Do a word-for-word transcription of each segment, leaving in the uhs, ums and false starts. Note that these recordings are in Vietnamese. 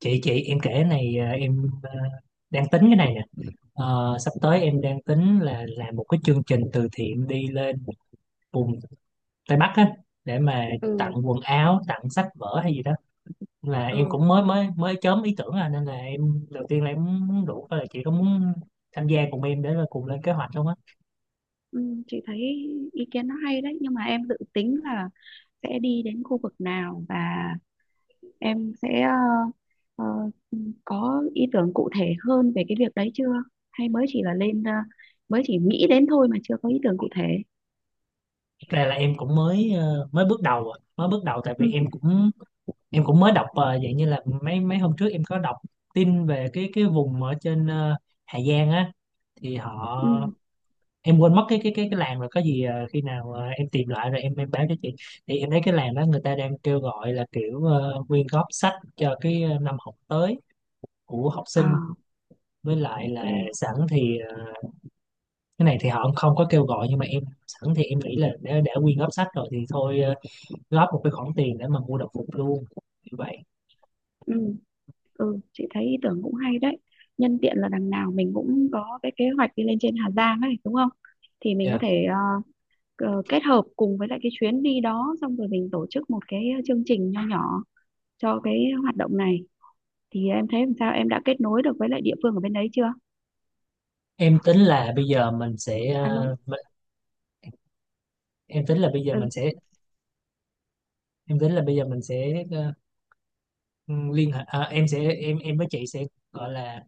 chị chị, em kể này à, em à, đang tính cái này nè. Ờ, sắp tới em đang tính là làm một cái chương trình từ thiện đi lên vùng Tây Bắc á, để mà ừ tặng quần áo, tặng sách vở hay gì đó. Là em ừ cũng mới mới mới chớm ý tưởng à, nên là em đầu tiên là em muốn rủ coi là chị có muốn tham gia cùng em để là cùng lên kế hoạch không á. ừ, cái ý kiến nó hay đấy, nhưng mà em dự tính là sẽ đi đến khu vực nào và em sẽ ờ, ờ, có ý tưởng cụ thể hơn về cái việc đấy chưa, hay mới chỉ là lên ờ, mới chỉ nghĩ đến thôi mà chưa có ý tưởng cụ thể? Thật ra là em cũng mới ờ, mới bước đầu à. Mới bước đầu, tại vì Ừ. em cũng em cũng mới đọc ờ, dạng như là mấy mấy hôm trước em có đọc tin về cái cái vùng ở trên, ờ, Hà Giang á, thì họ Ừ. Em quên mất cái cái cái cái làng rồi. Có gì ờ, khi nào ờ, em tìm lại rồi em em báo cho chị. Thì em thấy cái làng đó người ta đang kêu gọi là kiểu ờ, quyên góp sách cho cái, ờ, năm học tới của học sinh. À, Với lại ok. là sẵn thì ờ, cái này thì họ không có kêu gọi, nhưng mà em sẵn thì em nghĩ là đã, đã quyên góp sách rồi thì thôi, ờ, góp một cái khoản tiền để mà mua đồng phục luôn, như vậy. Ừ, ừ, chị thấy ý tưởng cũng hay đấy. Nhân tiện là đằng nào mình cũng có cái kế hoạch đi lên trên Hà Giang ấy, đúng không? Thì mình có Dạ. thể ờ, ờ, kết hợp cùng với lại cái chuyến đi đó, xong rồi mình tổ chức một cái ờ, chương trình nho nhỏ cho cái hoạt động này. Thì em thấy làm sao, em đã kết nối được với lại địa phương ở bên đấy chưa? em tính là bây giờ mình sẽ Alo. ờ, mình- em tính là bây giờ Ừ. mình sẽ Em tính là bây giờ mình sẽ ờ, Ừ, liên hệ à, em sẽ em em với chị sẽ, gọi là,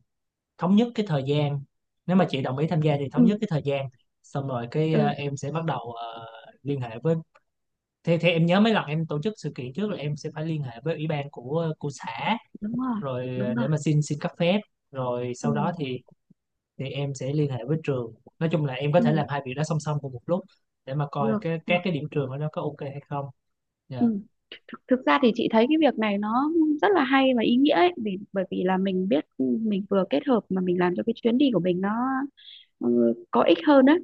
thống nhất cái thời gian. Nếu mà chị đồng ý tham gia thì thống Ừ. nhất cái thời gian, xong rồi cái, à, Ừ. em sẽ bắt đầu, à, liên hệ với thế thế em nhớ mấy lần em tổ chức sự kiện trước là em sẽ phải liên hệ với ủy ban của của xã, Đúng rồi. rồi, à, Đúng để rồi. mà xin, xin cấp phép, rồi sau Ừ. đó thì, thì em sẽ liên hệ với trường. Nói chung là em có thể Ừ. làm hai việc đó song song cùng một lúc, để mà coi Được, cái được. các cái điểm trường ở đó có ok hay không. Ừ, Dạ. thực, thực ra thì chị thấy cái việc này nó rất là hay và ý nghĩa ấy, vì bởi vì là mình biết, ừ, mình vừa kết hợp mà mình làm cho cái chuyến đi của mình nó ờ, có ích hơn á.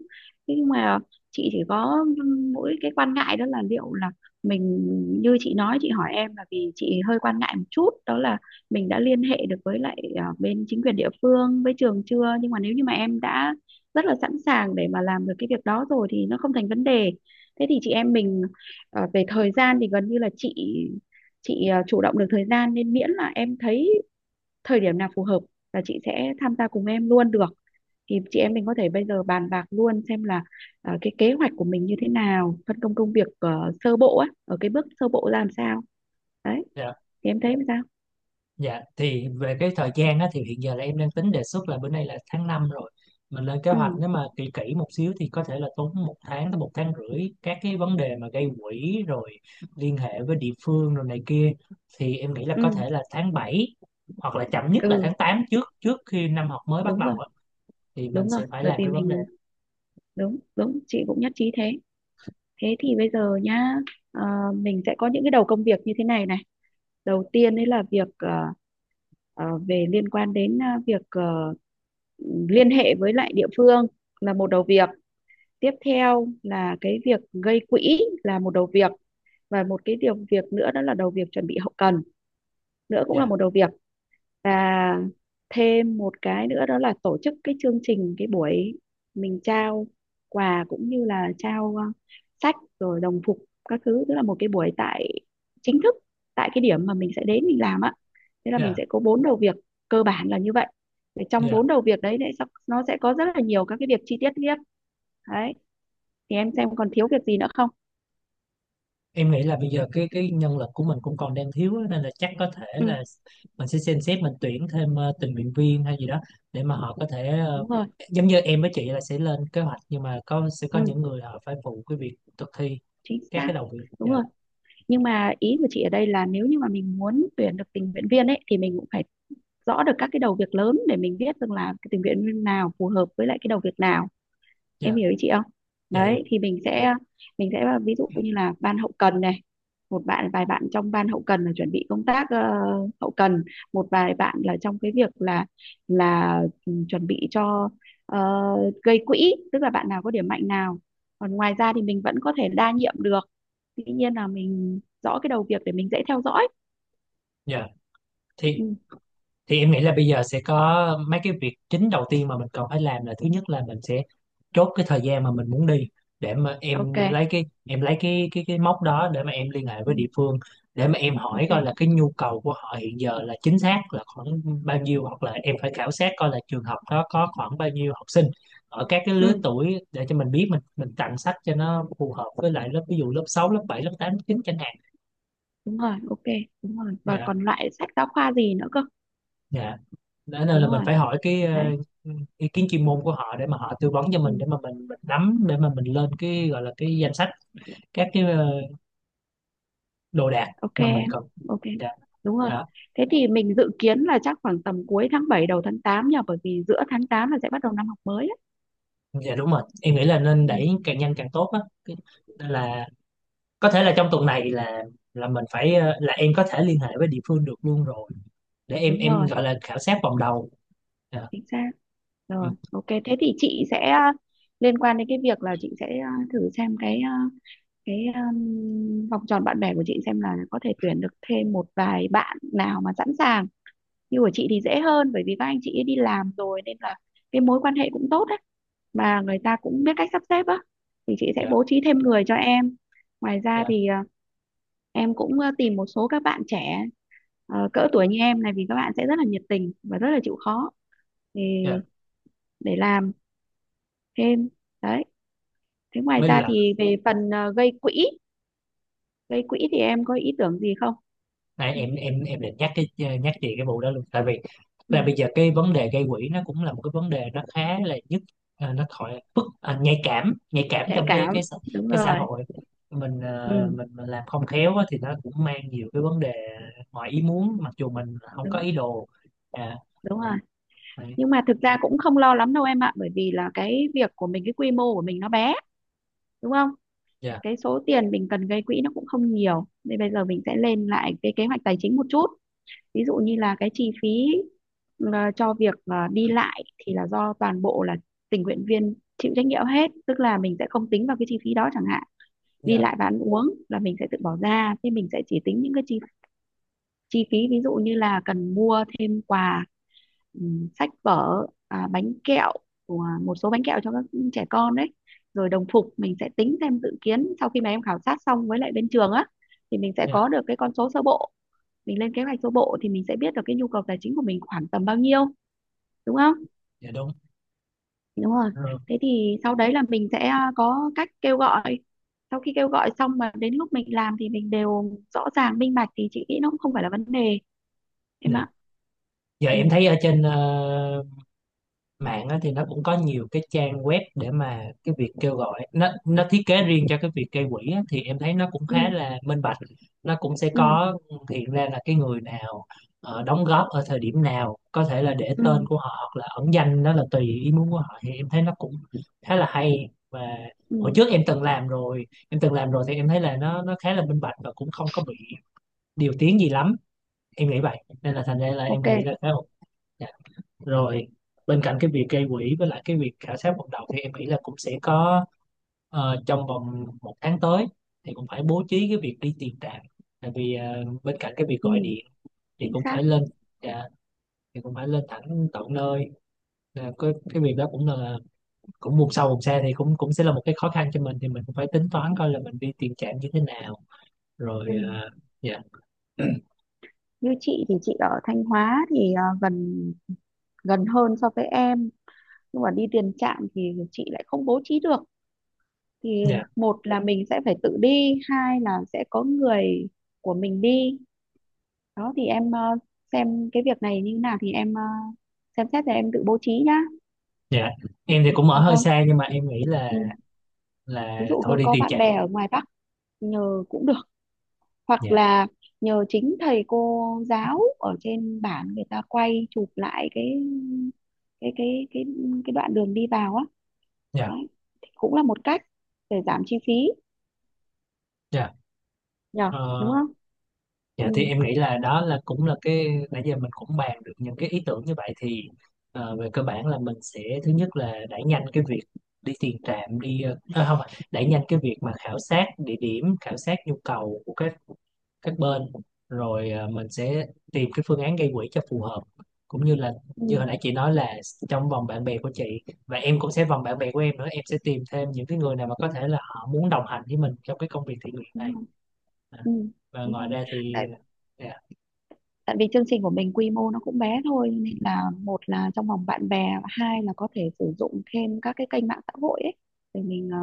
Thế nhưng mà chị chỉ có mỗi cái quan ngại đó là liệu là mình, như chị nói chị hỏi em là vì chị hơi quan ngại một chút, đó là mình đã liên hệ được với lại ờ, bên chính quyền địa phương với trường chưa. Nhưng mà nếu như mà em đã rất là sẵn sàng để mà làm được cái việc đó rồi thì nó không thành vấn đề. Thế thì chị em mình, ờ, về thời gian thì gần như là chị chị ờ, chủ động được thời gian, nên miễn là em thấy thời điểm nào phù hợp là chị sẽ tham gia cùng em luôn được. Thì chị em mình có thể bây giờ bàn bạc luôn xem là, à, cái kế hoạch của mình như thế nào, phân công công việc ờ, sơ bộ á, ở cái bước sơ bộ ra làm sao, đấy, Dạ. thì em thấy sao? Dạ, thì về cái thời gian á, thì hiện giờ là em đang tính đề xuất là bữa nay là tháng năm rồi. Mình lên kế hoạch, Ừ. nếu mà kỹ kỹ một xíu thì có thể là tốn một tháng tới một tháng rưỡi, các cái vấn đề mà gây quỹ rồi liên hệ với địa phương rồi này kia. Thì em nghĩ là có Ừ. thể là tháng bảy hoặc là chậm nhất là Ừ, tháng tám, trước trước khi năm học mới bắt đúng rồi. đầu á, thì mình Đúng rồi, sẽ phải bởi làm vì cái vấn đề. mình, đúng, đúng, chị cũng nhất trí thế. Thế thì bây giờ nhá, ờ, mình sẽ có những cái đầu công việc như thế này này. Đầu tiên đấy là việc ờ, ờ, về liên quan đến ờ, việc ờ, liên hệ với lại địa phương là một đầu việc. Tiếp theo là cái việc gây quỹ là một đầu việc. Và một cái điều việc nữa đó là đầu việc chuẩn bị hậu cần nữa cũng là Dạ, một đầu việc. Và thêm một cái nữa đó là tổ chức cái chương trình, cái buổi mình trao quà cũng như là trao ờ, sách rồi đồng phục các thứ, tức là một cái buổi tại chính thức tại cái điểm mà mình sẽ đến mình làm á. Thế là mình dạ, sẽ có bốn đầu việc cơ bản là như vậy. Để trong dạ. bốn đầu việc đấy thì nó sẽ có rất là nhiều các cái việc chi tiết tiếp, đấy, thì em xem còn thiếu việc gì nữa không? Em nghĩ là bây giờ cái cái nhân lực của mình cũng còn đang thiếu á, nên là chắc có thể Ừ, là mình sẽ xem xét mình tuyển thêm ờ, tình nguyện viên hay gì đó, để mà họ có thể ờ, đúng rồi. giống như em với chị là sẽ lên kế hoạch, nhưng mà có sẽ có Ừ, những người họ phải phụ cái việc thực thi chính các xác. cái đầu việc. Đúng Dạ. rồi. Nhưng mà ý của chị ở đây là nếu như mà mình muốn tuyển được tình nguyện viên ấy thì mình cũng phải rõ được các cái đầu việc lớn để mình biết rằng là cái tình nguyện viên nào phù hợp với lại cái đầu việc nào, em Dạ. hiểu ý chị không? Dạ hiểu. Đấy thì mình sẽ mình sẽ ví dụ như là ban hậu cần này, một bạn, vài bạn trong ban hậu cần là chuẩn bị công tác ờ, hậu cần, một vài bạn là trong cái việc là là ừ, chuẩn bị cho ờ, gây quỹ, tức là bạn nào có điểm mạnh nào. Còn ngoài ra thì mình vẫn có thể đa nhiệm được, tuy nhiên là mình rõ cái đầu việc để mình dễ theo dõi. Dạ, thì Ừ, thì em nghĩ là bây giờ sẽ có mấy cái việc chính đầu tiên mà mình cần phải làm, là thứ nhất là mình sẽ chốt cái thời gian mà mình muốn đi, để mà ok. em lấy cái em lấy cái cái cái mốc đó để mà em liên hệ Ừ, với địa phương, để mà em hỏi ok. coi là cái nhu cầu của họ hiện giờ là chính xác là khoảng bao nhiêu, hoặc là em phải khảo sát coi là trường học đó có khoảng bao nhiêu học sinh ở các cái lứa Ừ, tuổi, để cho mình biết mình mình tặng sách cho nó phù hợp với lại lớp, ví dụ lớp sáu, lớp bảy, lớp tám, lớp chín chẳng hạn. đúng rồi. Ok, đúng rồi, và Dạ. còn loại sách giáo khoa gì nữa cơ. Dạ. Nên Đúng là mình rồi, phải hỏi cái ờ, đấy. ý kiến chuyên môn của họ để mà họ tư vấn cho Ừ. mình, để mà mình mình nắm, để mà mình lên cái gọi là cái danh sách các cái, ờ, đồ đạc Ok mà mình em, cần. ok. Dạ, Đúng rồi. đó. Thế thì mình dự kiến là chắc khoảng tầm cuối tháng bảy đầu tháng tám nhờ, bởi vì giữa tháng tám là sẽ bắt đầu năm học mới á. Dạ, đúng rồi, em nghĩ là nên Ừ, đẩy càng nhanh càng tốt á. Cái- nên là có thể là trong tuần này là, là mình phải ờ, là em có thể liên hệ với địa phương được luôn rồi, để em đúng em rồi. gọi là khảo sát vòng đầu. Dạ. Chính xác. Ừ. Rồi, ok, thế thì chị sẽ ờ, liên quan đến cái việc là chị sẽ ờ, thử xem cái ờ, cái um, vòng tròn bạn bè của chị xem là có thể tuyển được thêm một vài bạn nào mà sẵn sàng. Như của chị thì dễ hơn bởi vì các anh chị ấy đi làm rồi nên là cái mối quan hệ cũng tốt đấy, mà người ta cũng biết cách sắp xếp á, thì chị sẽ Dạ. bố trí thêm người cho em. Ngoài ra Dạ. thì à, em cũng ờ, tìm một số các bạn trẻ ờ, cỡ tuổi như em này, vì các bạn sẽ rất là nhiệt tình và rất là chịu khó, thì Dạ. để làm thêm, đấy. Thế ngoài Với ra lại, thì về phần ờ, gây quỹ gây quỹ thì em có ý tưởng gì không? này, em em em định nhắc cái, ờ, nhắc chị cái vụ đó luôn, tại vì là Ừ, bây giờ cái vấn đề gây quỹ nó cũng là một cái vấn đề nó khá là nhức, à, nó thoại phức, à, nhạy cảm, nhạy cảm nhạy trong cái cảm, cái xã- đúng cái xã rồi. hội mình ờ, Ừ, mình mình làm không khéo á, thì nó cũng mang nhiều cái vấn đề ngoài ý muốn, mặc dù mình không có đúng, ý đồ. À, đúng rồi. đấy. Nhưng mà thực ra cũng không lo lắm đâu em ạ, bởi vì là cái việc của mình, cái quy mô của mình nó bé, đúng không? Dạ. Cái số tiền mình cần gây quỹ nó cũng không nhiều, nên bây giờ mình sẽ lên lại cái kế hoạch tài chính một chút. Ví dụ như là cái chi phí ờ, cho việc ờ, đi lại thì là do toàn bộ là tình nguyện viên chịu trách nhiệm hết, tức là mình sẽ không tính vào cái chi phí đó chẳng hạn. Đi Dạ. lại và ăn uống là mình sẽ tự bỏ ra, thế mình sẽ chỉ tính những cái chi chi phí ví dụ như là cần mua thêm quà, ừm, sách vở, à, bánh kẹo, của một số bánh kẹo cho các trẻ con, đấy, rồi đồng phục mình sẽ tính thêm dự kiến sau khi mà em khảo sát xong với lại bên trường á, thì mình sẽ Dạ. có được cái con số sơ bộ. Mình lên kế hoạch sơ bộ thì mình sẽ biết được cái nhu cầu tài chính của mình khoảng tầm bao nhiêu, đúng không? Dạ, đúng Đúng rồi. rồi. Thế thì sau đấy là mình sẽ à, có cách kêu gọi. Sau khi kêu gọi xong mà đến lúc mình làm thì mình đều rõ ràng minh bạch thì chị nghĩ nó cũng không phải là vấn đề em Dạ. ạ. Giờ Ừ. em thấy ở trên, ờ, mạng á, thì nó cũng có nhiều cái trang web để mà cái việc kêu gọi, nó nó thiết kế riêng cho cái việc gây quỹ á, thì em thấy nó cũng Ừ. khá là minh bạch. Nó cũng sẽ Ừ. có hiện ra là cái người nào ờ, đóng góp ở thời điểm nào, có thể là để tên Ừ. của họ hoặc là ẩn danh, đó là tùy ý muốn của họ, thì em thấy nó cũng khá là hay. Và Ừ. hồi trước em từng làm rồi, em từng làm rồi thì em thấy là nó nó khá là minh bạch và cũng không có bị điều tiếng gì lắm, em nghĩ vậy. Nên là thành ra là em Ok. nghĩ là khá ổn. Rồi. Bên cạnh cái việc gây quỹ với lại cái việc khảo sát vận động, thì em nghĩ là cũng sẽ có, ờ, trong vòng một tháng tới thì cũng phải bố trí cái việc đi tiền trạm, tại vì ờ, bên cạnh cái việc gọi Ừ, điện thì chính cũng xác. phải lên. Dạ, thì cũng phải lên thẳng tận nơi. Là cái, cái việc đó cũng là cũng vùng sâu vùng xa thì cũng cũng sẽ là một cái khó khăn cho mình, thì mình cũng phải tính toán coi là mình đi tiền trạm như thế nào, rồi, Ừ. ờ, dạ. Như chị thì chị ở Thanh Hóa thì à, gần, gần hơn so với em, nhưng mà đi tiền trạm thì chị lại không bố trí được. Thì Dạ. một là mình sẽ phải tự đi, hai là sẽ có người của mình đi. Đó thì em ờ, xem cái việc này như thế nào thì em ờ, xem xét rồi em tự bố trí nhá, Dạ. Em thì cũng ở được hơi không? xa, nhưng mà em nghĩ là, Ừ. Là ví dụ thôi, có đi có tiền bạn trạm. bè ở ngoài Bắc nhờ cũng được, hoặc Dạ. là nhờ chính thầy cô giáo ở trên bản người ta quay chụp lại cái cái cái cái cái đoạn đường đi vào á, Dạ. đấy, thì cũng là một cách để giảm chi phí Dạ. nhờ, Ờ, đúng không? Dạ, thì Ừ. em nghĩ là đó, là cũng là cái nãy giờ mình cũng bàn được những cái ý tưởng như vậy, thì ờ, về cơ bản là mình sẽ, thứ nhất là đẩy nhanh cái việc đi tiền trạm đi, ờ, à, không, đẩy nhanh cái việc mà khảo sát địa điểm, khảo sát nhu cầu của các các bên, rồi ờ, mình sẽ tìm cái phương án gây quỹ cho phù hợp, cũng như là Ừ, như hồi nãy chị nói là trong vòng bạn bè của chị, và em cũng sẽ vòng bạn bè của em nữa, em sẽ tìm thêm những cái người nào mà có thể là họ muốn đồng hành với mình trong cái công việc thiện nguyện đúng này. rồi. À. Ừ, Và đúng ngoài rồi. ra thì, tại ờ, tại vì chương trình của mình quy mô nó cũng bé thôi, nên là một là trong vòng bạn bè, và hai là có thể sử dụng thêm các cái kênh mạng xã hội ấy để mình ờ,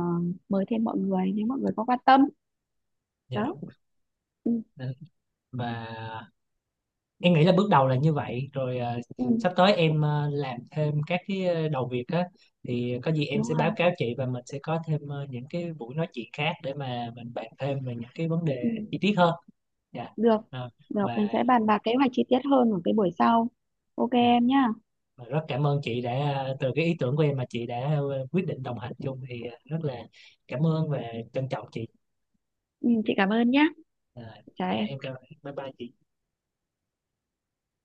mời thêm mọi người nếu mọi người có quan tâm. dạ, Đó. đúng. Ừ. Ờ, và em nghĩ là bước đầu là như vậy rồi. ờ, Ừ, Sắp tới em ờ, làm thêm các cái, ờ, đầu việc á, thì có gì em đúng sẽ báo rồi. cáo chị, và mình sẽ có thêm, ờ, những cái buổi nói chuyện khác để mà mình bàn thêm về những cái vấn đề Ừ. chi tiết hơn. Dạ. Được, Ờ, được, mình và sẽ bàn bạc kế hoạch chi tiết hơn ở cái buổi sau. Ok Dạ. em nhá. Và rất cảm ơn chị đã, ờ, từ cái ý tưởng của em mà chị đã, ờ, quyết định đồng hành chung, thì ờ, rất là cảm ơn và trân trọng chị. Ừ, chị cảm ơn nhá. Ờ, Chào dạ, em em. cảm bye bye chị.